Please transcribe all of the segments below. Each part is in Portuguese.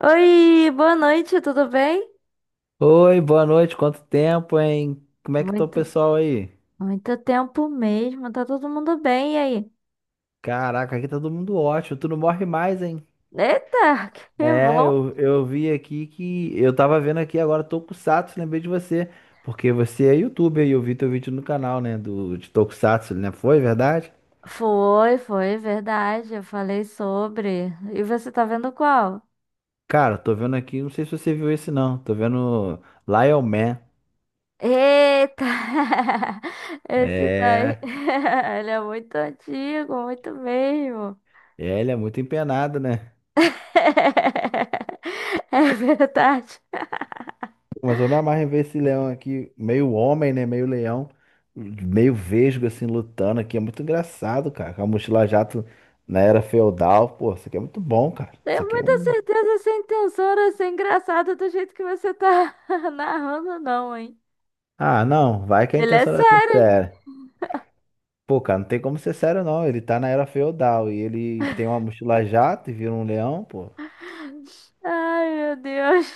Oi, boa noite, tudo bem? Oi, boa noite, quanto tempo, hein? Como é que tá o Muito, pessoal aí? muito tempo mesmo, tá todo mundo bem, e aí? Caraca, aqui tá todo mundo ótimo, tu não morre mais, hein? Eita, que É, bom! eu vi aqui que. Eu tava vendo aqui agora Tokusatsu, lembrei de você, porque você é youtuber e eu vi teu vídeo no canal, né? De Tokusatsu, né? Foi verdade? Foi, verdade, eu falei sobre. E você tá vendo qual? Cara, tô vendo aqui, não sei se você viu esse não, tô vendo Lion Man. Eita! Esse daí, É, ele é muito antigo, muito mesmo. Ele é muito empenado, né? É verdade. Mas eu me amarro em ver esse leão aqui, meio homem, né? Meio leão, meio vesgo, assim, lutando aqui. É muito engraçado, cara. Com a mochila jato na era feudal. Pô, isso aqui é muito bom, cara. Isso Tenho aqui é muita um. certeza sem tesoura, sem engraçado do jeito que você tá narrando, não, hein? Ah, não, vai que a Ele é intenção era ser sério. séria. Pô, cara, não tem como ser sério, não. Ele tá na era feudal e ele tem uma mochila jato e vira um leão, pô. Ai, meu Deus.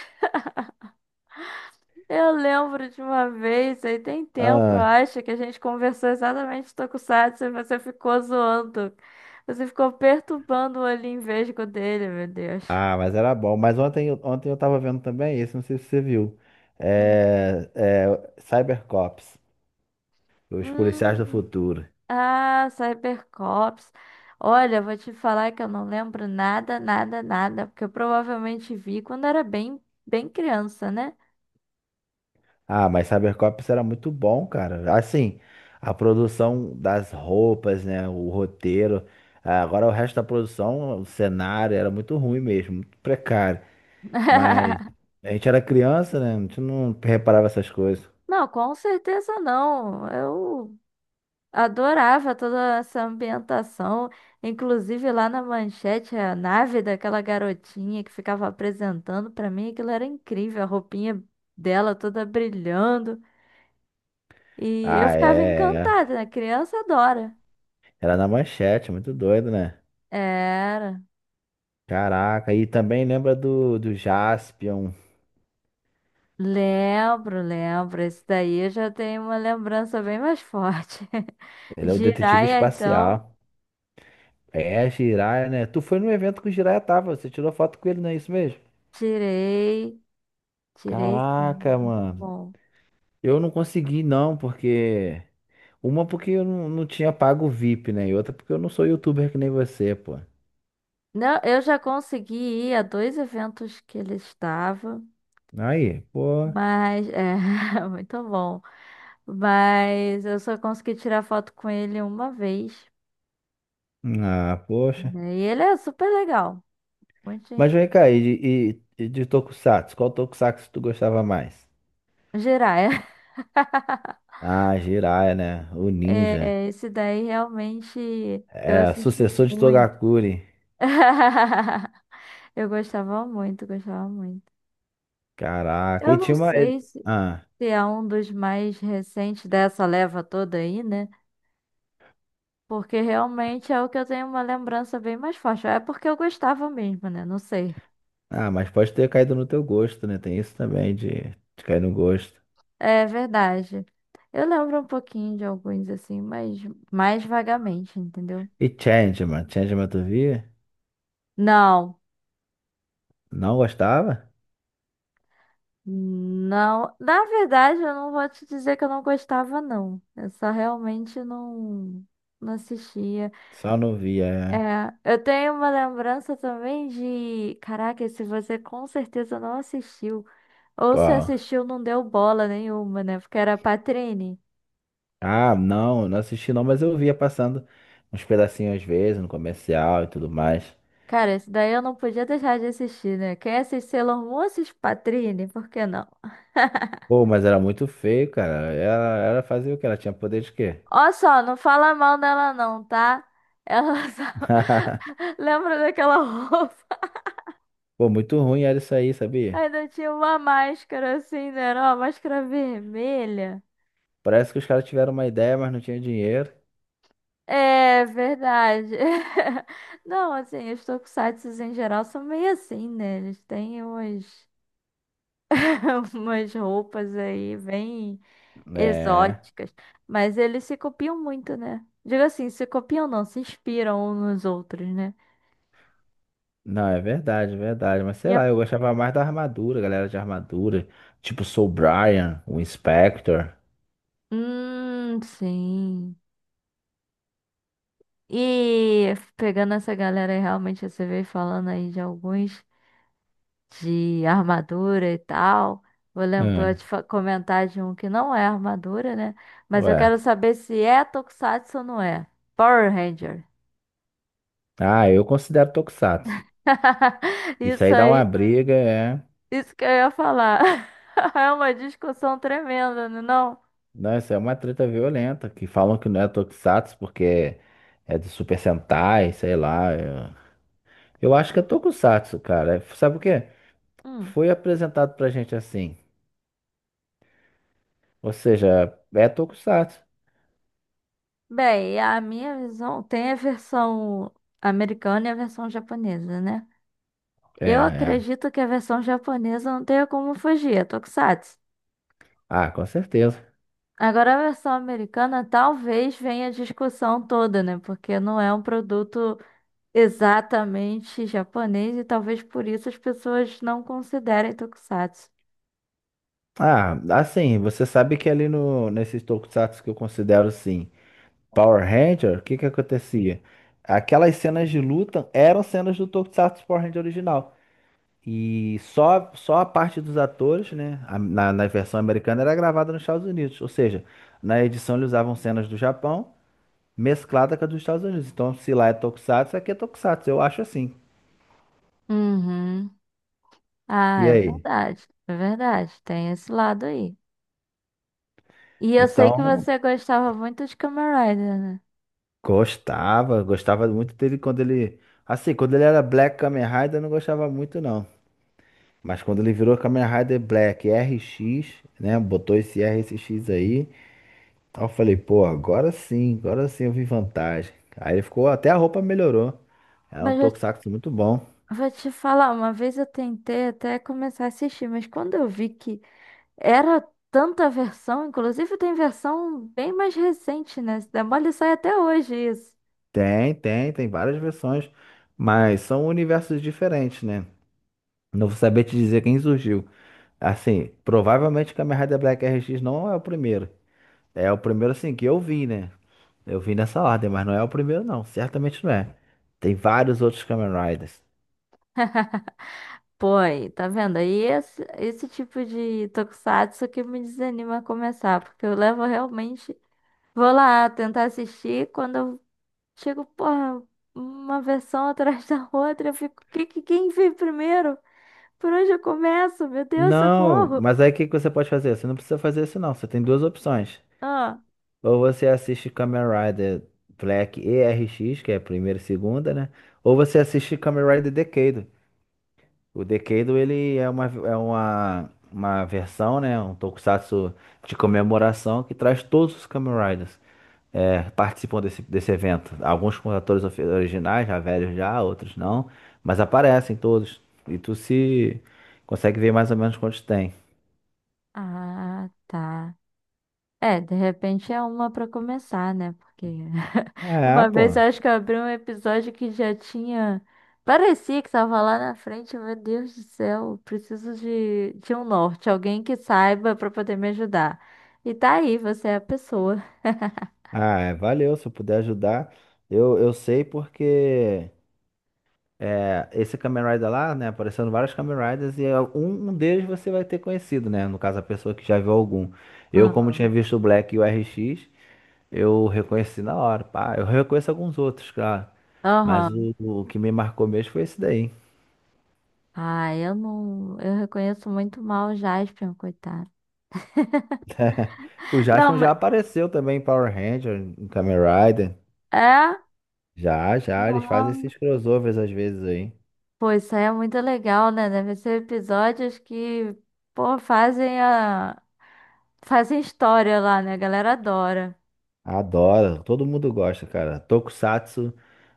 Eu lembro de uma vez, aí tem tempo, eu Ah, acho, que a gente conversou exatamente de Tokusatsu e você ficou zoando. Você ficou perturbando o olhinho vesgo dele, meu Deus. Mas era bom. Mas ontem eu tava vendo também esse, não sei se você viu. Hum. É, é Cybercops, os policiais do Hum. futuro. Ah, Cybercops. Olha, eu vou te falar que eu não lembro nada, nada, nada, porque eu provavelmente vi quando era bem, bem criança, né? Ah, mas Cybercops era muito bom, cara. Assim, a produção das roupas, né? O roteiro. Ah, agora o resto da produção, o cenário era muito ruim mesmo, muito precário. Mas a gente era criança, né? A gente não reparava essas coisas. Não, com certeza não. Eu adorava toda essa ambientação, inclusive lá na manchete, a nave daquela garotinha que ficava apresentando pra mim, aquilo era incrível, a roupinha dela toda brilhando. E eu Ah, ficava é, é. encantada, né? Criança adora. Era na manchete, muito doido, né? Era. Caraca, e também lembra do Jaspion. Lembro, lembro. Esse daí eu já tenho uma lembrança bem mais forte. Ele é o detetive Jiraya, então, espacial. Jiraiya, né? Tu foi no evento que o Jiraiya tava, você tirou foto com ele, não é isso mesmo? tirei, tirei. Sim. Caraca, Muito mano. bom. Eu não consegui, não, porque. Uma porque eu não, não tinha pago o VIP, né? E outra porque eu não sou youtuber que nem você, pô. Não, eu já consegui ir a dois eventos que ele estava, Aí, pô. mas é muito bom. Mas eu só consegui tirar foto com ele uma vez. Ah, poxa. Né? E ele é super legal. Muita Mas gente. vem cá, e e de Tokusatsu? Qual Tokusatsu tu gostava mais? Jiraya. Ah, Jiraiya, né? O Ninja. É, esse daí realmente eu É, assisti sucessor de muito. Togakuri. Eu gostava muito, gostava muito. Caraca. Eu E não tinha uma. Sei Ah, se é um dos mais recentes dessa leva toda aí, né? Porque realmente é o que eu tenho uma lembrança bem mais forte. É porque eu gostava mesmo, né? Não sei. Mas pode ter caído no teu gosto, né? Tem isso também de cair no gosto. É verdade. Eu lembro um pouquinho de alguns assim, mas mais vagamente, entendeu? E Changeman? Changeman tu via? Não. Não gostava? Não. Na verdade, eu não vou te dizer que eu não gostava, não. Eu só realmente não assistia. Só não via. É. É, eu tenho uma lembrança também de. Caraca, se você com certeza não assistiu. Ou se Qual? assistiu, não deu bola nenhuma, né? Porque era Patrine. Ah, não, não assisti não, mas eu via passando uns pedacinhos às vezes no comercial e tudo mais. Cara, esse daí eu não podia deixar de assistir, né? Quem assiste Sailor Moon assiste Patrine, por que não? Pô, mas era muito feio, cara. Ela fazia o quê? Ela tinha poder de quê? Ó só, não fala mal dela não, tá? Ela só... Lembra daquela roupa? Pô, muito ruim era isso aí, sabia? Ainda tinha uma máscara assim, né? Era uma máscara vermelha. Parece que os caras tiveram uma ideia, mas não tinha dinheiro. É verdade. Não, assim, os tokusatsus em geral são meio assim, né? Eles têm umas, umas roupas aí, bem É. exóticas, mas eles se copiam muito, né? Digo assim, se copiam não, se inspiram uns nos outros, né? Não, é verdade, é verdade. Mas E sei a... lá, eu gostava mais da armadura, galera de armadura. Tipo Soul Brian, o Inspector. Sim. E pegando essa galera aí, realmente você veio falando aí de alguns de armadura e tal. Vou lembrar Hum, de comentar de um que não é armadura, né? Mas eu ué. quero saber se é Tokusatsu ou não é. Power Ranger. Ah, eu considero Tokusatsu. Isso Isso aí dá uma aí, briga, é. isso que eu ia falar. É uma discussão tremenda, não? É não? Não, isso é uma treta violenta, que falam que não é Tokusatsu porque é de Super Sentai, sei lá. Eu acho que é Tokusatsu, cara. É, sabe por quê? Hum. Foi apresentado pra gente assim. Ou seja, é Tokusatsu. Bem, a minha visão tem a versão americana e a versão japonesa, né? É, Eu é. acredito que a versão japonesa não tenha como fugir, é tokusatsu. Ah, com certeza. Agora, a versão americana talvez venha a discussão toda, né? Porque não é um produto exatamente japonês e talvez por isso as pessoas não considerem tokusatsu. Ah, assim, você sabe que ali no, nesses Tokusatsu que eu considero assim, Power Ranger, o que que acontecia? Aquelas cenas de luta eram cenas do Tokusatsu Power Ranger original. E só a parte dos atores, né? Na versão americana era gravada nos Estados Unidos. Ou seja, na edição eles usavam cenas do Japão mesclada com a dos Estados Unidos. Então, se lá é Tokusatsu, aqui é Tokusatsu. Eu acho assim. Uhum. Ah, E é aí? verdade. É verdade. Tem esse lado aí. E eu sei que Então, você gostava muito de Kamen Rider, né? Gostava muito dele quando ele. Assim, quando ele era Black Kamen Rider, eu não gostava muito, não. Mas quando ele virou Kamen Rider Black RX, né? Botou esse RSX aí. Aí eu falei, pô, agora sim eu vi vantagem. Aí ele ficou, até a roupa melhorou. É um Mas eu tokusatsu muito bom. vou te falar, uma vez eu tentei até começar a assistir, mas quando eu vi que era tanta versão, inclusive tem versão bem mais recente, né? Se der mole, sai até hoje isso. Tem várias versões, mas são universos diferentes, né? Não vou saber te dizer quem surgiu. Assim, provavelmente Kamen Rider Black RX não é o primeiro. É o primeiro, assim, que eu vi, né? Eu vi nessa ordem, mas não é o primeiro, não. Certamente não é. Tem vários outros Kamen Riders. Pô, aí, tá vendo? Aí esse tipo de tokusatsu que me desanima a começar, porque eu levo realmente. Vou lá tentar assistir, quando eu chego, porra, uma versão atrás da outra, eu fico, quem veio primeiro? Por onde eu começo? Meu Deus, Não, socorro! mas aí o que que você pode fazer? Você não precisa fazer isso, não. Você tem duas opções. Ah. Ou você assiste Kamen Rider Black ERX, que é a primeira e segunda, né? Ou você assiste Kamen Rider Decade. O Decade, ele uma versão, né? Um tokusatsu de comemoração que traz todos os Kamen Riders. É, participam desse evento. Alguns com atores originais, já velhos já, outros não. Mas aparecem todos. E tu se consegue ver mais ou menos quantos tem. Ah, tá. É, de repente é uma pra começar, né? Porque É, uma pô. vez eu acho que eu abri um episódio que já tinha. Parecia que tava lá na frente, meu Deus do céu, preciso de um norte, alguém que saiba pra poder me ajudar. E tá aí, você é a pessoa. Ah, é, valeu, se eu puder ajudar. Eu sei porque é, esse Kamen Rider lá, né, aparecendo vários Kamen Riders e um deles você vai ter conhecido, né? No caso, a pessoa que já viu algum. Eu, como tinha Aham. visto o Black e o RX, eu reconheci na hora. Pá, eu reconheço alguns outros, claro. Mas Aham. O que me marcou mesmo foi esse daí. Ah, eu não. Eu reconheço muito mal o Jaspion, coitado. O Não, Jaspion mas. já apareceu também em Power Ranger, em Kamen Rider. É? Eles fazem Nossa. esses crossovers às vezes aí. Pô, isso aí é muito legal, né? Deve ser episódios que, pô, fazem a... fazem história lá, né? A galera adora. Adoro, todo mundo gosta, cara. Tokusatsu.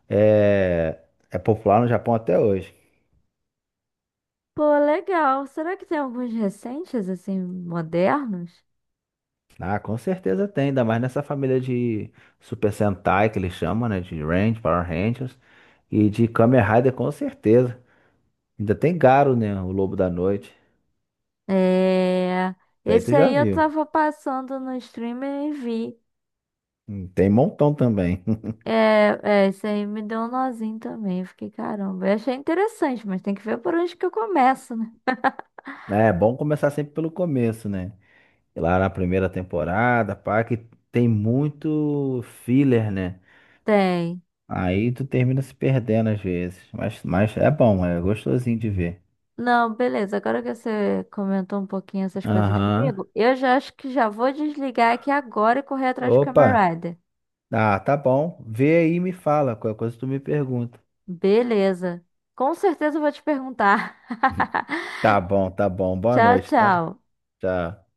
É, é popular no Japão até hoje. Pô, legal. Será que tem alguns recentes, assim, modernos? Ah, com certeza tem, ainda mais nessa família de Super Sentai que eles chamam, né? De Range, Power Rangers e de Kamen Rider, com certeza. Ainda tem Garo, né? O Lobo da Noite. É... Daí tu Esse já aí eu viu. tava passando no streamer e vi. Tem montão também. É, é, esse aí me deu um nozinho também. Eu fiquei, caramba, eu achei interessante, mas tem que ver por onde que eu começo, né? É bom começar sempre pelo começo, né? Lá na primeira temporada, pá, que tem muito filler, né? Tem. Aí tu termina se perdendo às vezes. Mas, é bom, é gostosinho de ver. Não, beleza. Agora que você comentou um pouquinho essas coisas Aham. comigo, eu já acho que já vou desligar aqui agora e correr atrás do Kamen Opa, Rider. ah, tá bom. Vê aí e me fala, qualquer coisa tu me pergunta. Beleza. Com certeza eu vou te perguntar. Tá bom. Boa Tchau, noite, tá? tchau. Tchau.